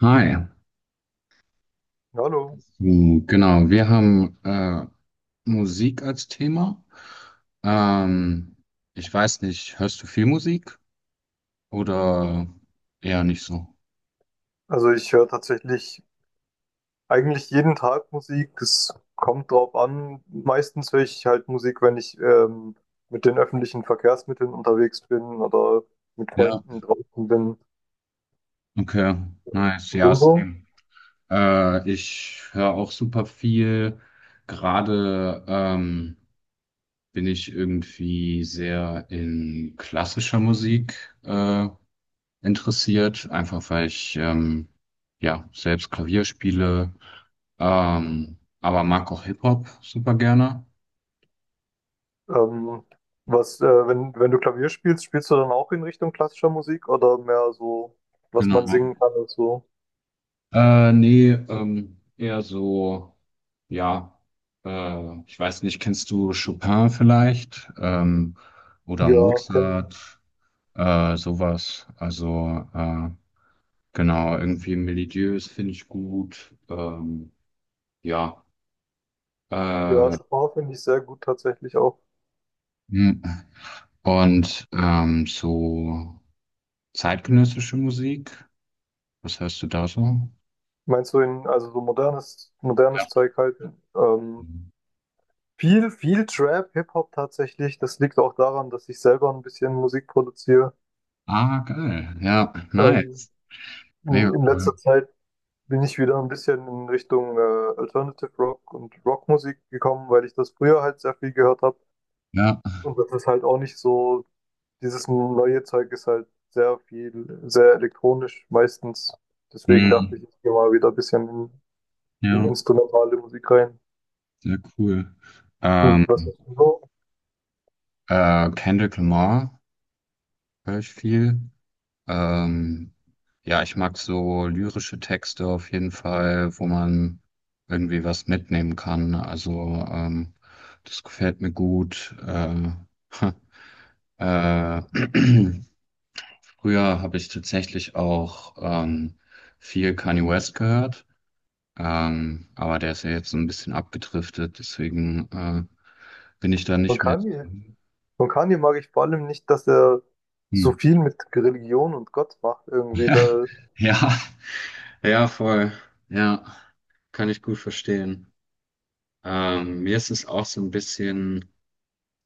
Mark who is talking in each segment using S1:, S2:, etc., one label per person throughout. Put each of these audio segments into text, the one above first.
S1: Hi.
S2: Hallo.
S1: Genau, wir haben Musik als Thema. Ähm, ich weiß nicht, hörst du viel Musik oder eher nicht so?
S2: Also ich höre tatsächlich eigentlich jeden Tag Musik. Es kommt drauf an. Meistens höre ich halt Musik, wenn ich mit den öffentlichen Verkehrsmitteln unterwegs bin oder mit
S1: Ja,
S2: Freunden draußen bin.
S1: okay, nice,
S2: Und
S1: ja,
S2: du so?
S1: same. Ich höre auch super viel. Gerade bin ich irgendwie sehr in klassischer Musik interessiert, einfach weil ich ja selbst Klavier spiele. Aber mag auch Hip-Hop super gerne.
S2: Ähm, Was, wenn du Klavier spielst, spielst du dann auch in Richtung klassischer Musik oder mehr so, was
S1: Genau.
S2: man singen kann und so?
S1: Nee, eher so, ja, ich weiß nicht, kennst du Chopin vielleicht? Oder
S2: Ja, kenn-
S1: Mozart, sowas. Also, genau, irgendwie melodiös finde ich gut. Ja.
S2: ja,
S1: Äh,
S2: Chopin finde ich sehr gut tatsächlich auch.
S1: hm. Und so zeitgenössische Musik, was hörst du da so?
S2: Meinst du in, also so modernes, modernes
S1: Ja.
S2: Zeug halt? Ähm, viel Trap, Hip-Hop tatsächlich. Das liegt auch daran, dass ich selber ein bisschen Musik produziere.
S1: Ah, geil. Ja,
S2: Ähm,
S1: nice. Mega
S2: in
S1: cool.
S2: letzter Zeit bin ich wieder ein bisschen in Richtung Alternative Rock und Rockmusik gekommen, weil ich das früher halt sehr viel gehört habe.
S1: Ja,
S2: Und das ist halt auch nicht so, dieses neue Zeug ist halt sehr viel, sehr elektronisch meistens. Deswegen dachte
S1: hm,
S2: ich, ich gehe mal wieder ein bisschen in
S1: ja,
S2: instrumentale Musik rein.
S1: sehr cool.
S2: Hm,
S1: Ähm,
S2: was ist denn so?
S1: Kendrick Lamar höre ich viel. Ähm, ja, ich mag so lyrische Texte auf jeden Fall, wo man irgendwie was mitnehmen kann. Also, das gefällt mir gut. Äh, früher habe ich tatsächlich auch viel Kanye West gehört. Aber der ist ja jetzt so ein bisschen abgedriftet, deswegen bin ich da
S2: Von
S1: nicht mehr.
S2: Kanye? Von Kanye mag ich vor allem nicht, dass er so
S1: Hm.
S2: viel mit Religion und Gott macht. Irgendwie da,
S1: Ja, ja, voll. Ja, kann ich gut verstehen. Mir ist es auch so ein bisschen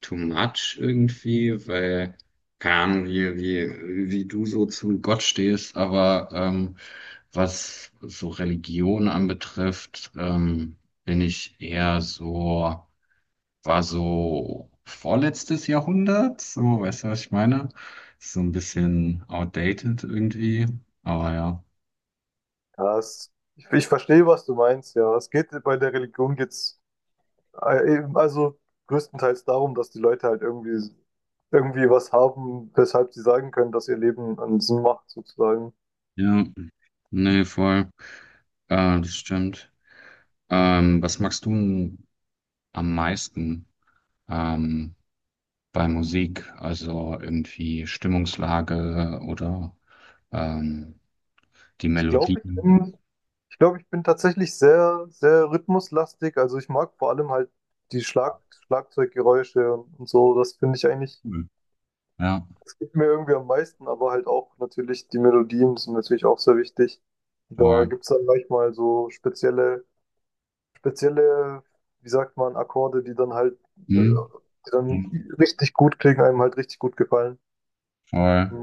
S1: too much irgendwie, weil, keine Ahnung, wie du so zu Gott stehst, aber was so Religion anbetrifft, bin ich eher so. War so vorletztes Jahrhundert, so, weißt du, was ich meine? Ist so ein bisschen outdated irgendwie, aber ja.
S2: ja, ich verstehe, was du meinst, ja. Es geht bei der Religion also größtenteils darum, dass die Leute halt irgendwie was haben, weshalb sie sagen können, dass ihr Leben einen Sinn macht, sozusagen.
S1: Ja, nee, voll. Das stimmt. Was magst du denn am meisten ähm, bei Musik? Also irgendwie Stimmungslage oder ähm, die
S2: Ich
S1: Melodie?
S2: glaube, ich bin, ich glaube, ich bin tatsächlich sehr rhythmuslastig. Also ich mag vor allem halt die Schlag, Schlagzeuggeräusche und so. Das finde ich eigentlich,
S1: Cool. Ja,
S2: das gibt mir irgendwie am meisten, aber halt auch natürlich die Melodien sind natürlich auch sehr wichtig. Da
S1: voll.
S2: gibt es dann manchmal so spezielle, wie sagt man, Akkorde, die dann halt, äh,
S1: Hm?
S2: die
S1: Ja,
S2: dann richtig gut klingen, einem halt richtig gut gefallen.
S1: voll.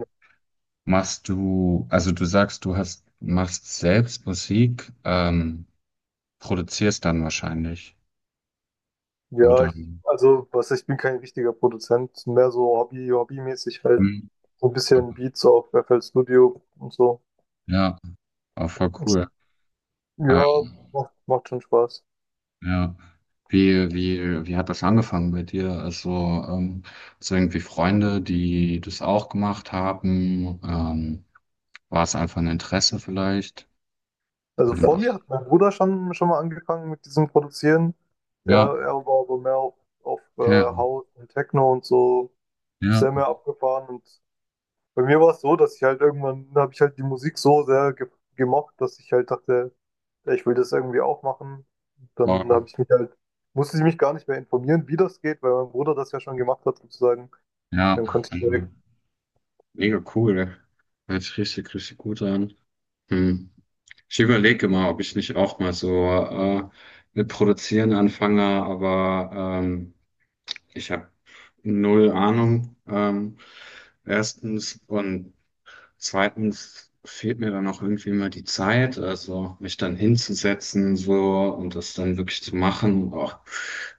S1: Also du sagst, machst selbst Musik, produzierst dann wahrscheinlich,
S2: Ja,
S1: oder?
S2: also was, ich bin kein richtiger Produzent, mehr so Hobby, hobbymäßig halt.
S1: Hm,
S2: So ein bisschen Beats auf FL Studio und so.
S1: ja, auch voll cool.
S2: Ja,
S1: Ähm,
S2: macht schon Spaß.
S1: ja. Wie hat das angefangen bei dir? Also, so irgendwie Freunde, die das auch gemacht haben? War es einfach ein Interesse vielleicht?
S2: Also
S1: Oder?
S2: vor mir hat mein Bruder schon mal angefangen mit diesem Produzieren. Er,
S1: Ja,
S2: er war aber mehr auf
S1: ja, okay.
S2: House und Techno und so, ist
S1: Ja,
S2: sehr mehr abgefahren. Und bei mir war es so, dass ich halt irgendwann, habe ich halt die Musik so sehr ge gemocht, dass ich halt dachte, ja, ich will das irgendwie auch machen. Dann
S1: wow,
S2: habe ich mich halt, musste ich mich gar nicht mehr informieren, wie das geht, weil mein Bruder das ja schon gemacht hat sozusagen. Dann
S1: ja,
S2: konnte ich mir
S1: mega cool. Hört sich richtig, richtig gut an. Hm. Ich überlege mal, ob ich nicht auch mal so mit Produzieren anfange, aber ich habe null Ahnung. Erstens und zweitens fehlt mir dann auch irgendwie mal die Zeit, also mich dann hinzusetzen so und das dann wirklich zu machen. Boah,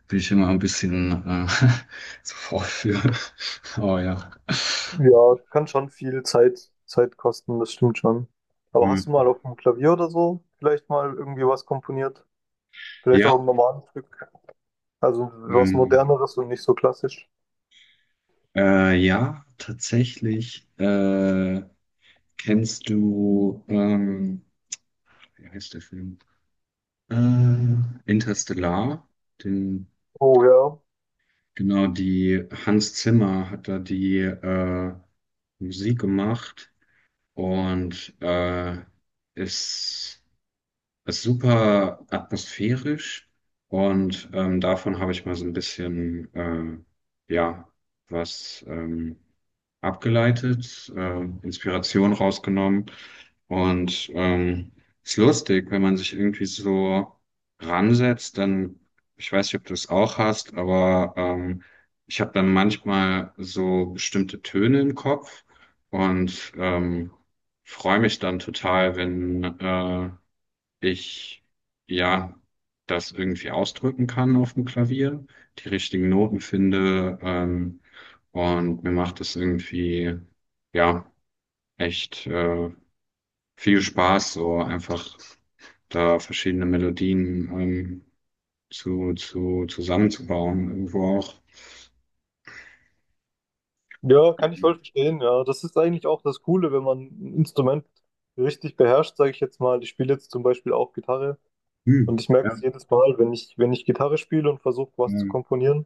S1: bin ich immer ein bisschen zu faul für. Oh ja.
S2: ja, kann schon viel Zeit kosten, das stimmt schon. Aber
S1: Hm.
S2: hast du mal auf dem Klavier oder so vielleicht mal irgendwie was komponiert? Vielleicht auch
S1: Ja.
S2: ein normales Stück, also was
S1: Hm.
S2: Moderneres und nicht so klassisch.
S1: Ja, tatsächlich. Kennst du, wie heißt der Film? Äh, Interstellar. Den,
S2: Oh ja.
S1: genau, die Hans Zimmer hat da die Musik gemacht und ist, ist super atmosphärisch. Und davon habe ich mal so ein bisschen, ja, was. Abgeleitet, Inspiration rausgenommen. Und ist lustig, wenn man sich irgendwie so ransetzt, dann, ich weiß nicht, ob du es auch hast, aber ich habe dann manchmal so bestimmte Töne im Kopf und freue mich dann total, wenn ich ja das irgendwie ausdrücken kann auf dem Klavier, die richtigen Noten finde. Und mir macht es irgendwie, ja, echt viel Spaß, so einfach da verschiedene Melodien zusammenzubauen, irgendwo auch.
S2: Ja, kann ich voll verstehen, ja. Das ist eigentlich auch das Coole, wenn man ein Instrument richtig beherrscht, sage ich jetzt mal. Ich spiele jetzt zum Beispiel auch Gitarre
S1: Hm.
S2: und ich merke es
S1: Ja,
S2: jedes Mal, wenn ich, wenn ich Gitarre spiele und versuche, was zu
S1: ähm,
S2: komponieren,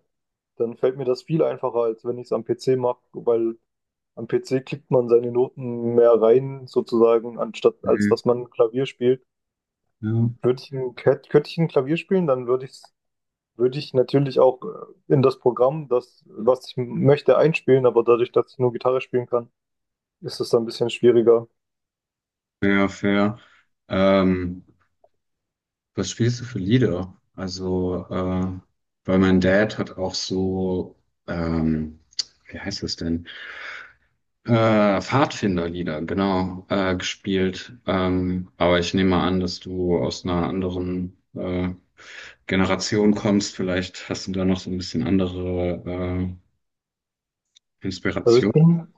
S2: dann fällt mir das viel einfacher, als wenn ich es am PC mache, weil am PC klickt man seine Noten mehr rein, sozusagen, anstatt als
S1: hm,
S2: dass man Klavier spielt.
S1: ja,
S2: Würde ich ein, hätt- könnte ich ein Klavier spielen, dann würde ich natürlich auch in das Programm, das, was ich m- möchte, einspielen, aber dadurch, dass ich nur Gitarre spielen kann, ist es dann ein bisschen schwieriger.
S1: fair, fair. Ähm, was spielst du für Lieder? Also, weil mein Dad hat auch so, ähm, wie heißt das denn? Pfadfinderlieder, genau, gespielt. Aber ich nehme an, dass du aus einer anderen Generation kommst. Vielleicht hast du da noch so ein bisschen andere
S2: Also ich
S1: Inspiration.
S2: bin,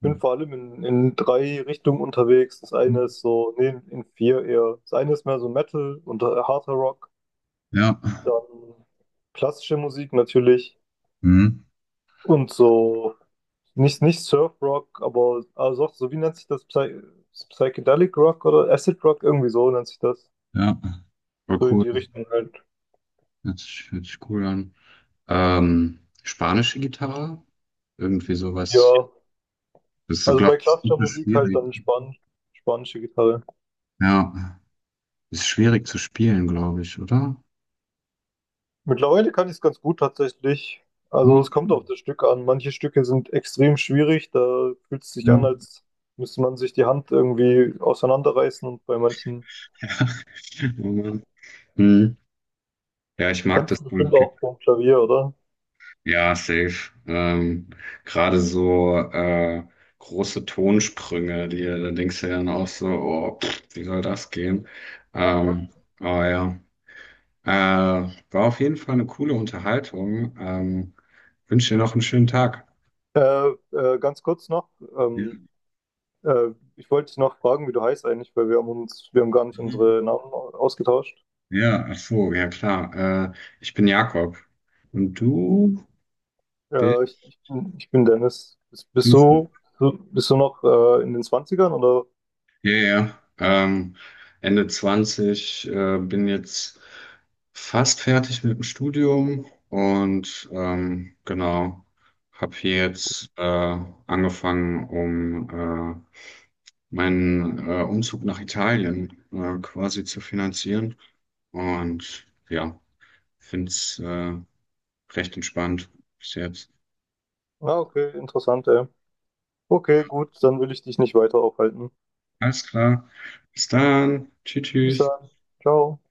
S2: bin vor allem in drei Richtungen unterwegs. Das eine ist so, nee, in vier eher. Das eine ist mehr so Metal und harter Rock,
S1: Ja,
S2: dann klassische Musik natürlich
S1: mhm.
S2: und so. Nicht Surf Rock, aber also auch so, wie nennt sich das? Psychedelic Rock oder Acid Rock? Irgendwie so nennt sich das.
S1: Ja, war
S2: So in
S1: cool.
S2: die Richtung halt.
S1: Hört sich cool an. Spanische Gitarre, irgendwie sowas.
S2: Ja,
S1: Das ist,
S2: also
S1: glaube
S2: bei
S1: ich,
S2: klassischer
S1: super
S2: Musik halt
S1: schwierig.
S2: dann spanische Gitarre.
S1: Ja, ist schwierig zu spielen, glaube ich, oder?
S2: Mittlerweile kann ich es ganz gut tatsächlich. Also es
S1: Ja.
S2: kommt auf das Stück an. Manche Stücke sind extrem schwierig. Da fühlt es sich an, als müsste man sich die Hand irgendwie auseinanderreißen. Und bei manchen
S1: Ja. Hm. Ja, ich mag
S2: kennst
S1: das
S2: du bestimmt
S1: Pulp.
S2: auch vom Klavier, oder?
S1: Ja, safe. Gerade so große Tonsprünge, die da denkst du ja dann auch so, oh, pff, wie soll das gehen? Ähm, aber ja, war auf jeden Fall eine coole Unterhaltung. Wünsche dir noch einen schönen Tag.
S2: Ganz kurz noch,
S1: Ja,
S2: ähm, ich wollte dich noch fragen, wie du heißt eigentlich, weil wir haben uns, wir haben gar nicht
S1: mhm.
S2: unsere Namen au- ausgetauscht.
S1: Ja, ach so, ja klar. Ich bin Jakob und du
S2: Ich bin Dennis. Bist
S1: bist du.
S2: du, so, bist du noch in den Zwanzigern oder?
S1: Ja, ja. Ende 20 bin jetzt fast fertig mit dem Studium und genau, habe hier jetzt angefangen, um meinen Umzug nach Italien quasi zu finanzieren. Und ja, finde es recht entspannt bis jetzt.
S2: Ah, okay, interessant, ey. Okay, gut, dann will ich dich nicht weiter aufhalten.
S1: Alles klar. Bis dann. Tschüss,
S2: Bis
S1: tschüss.
S2: dann. Ciao.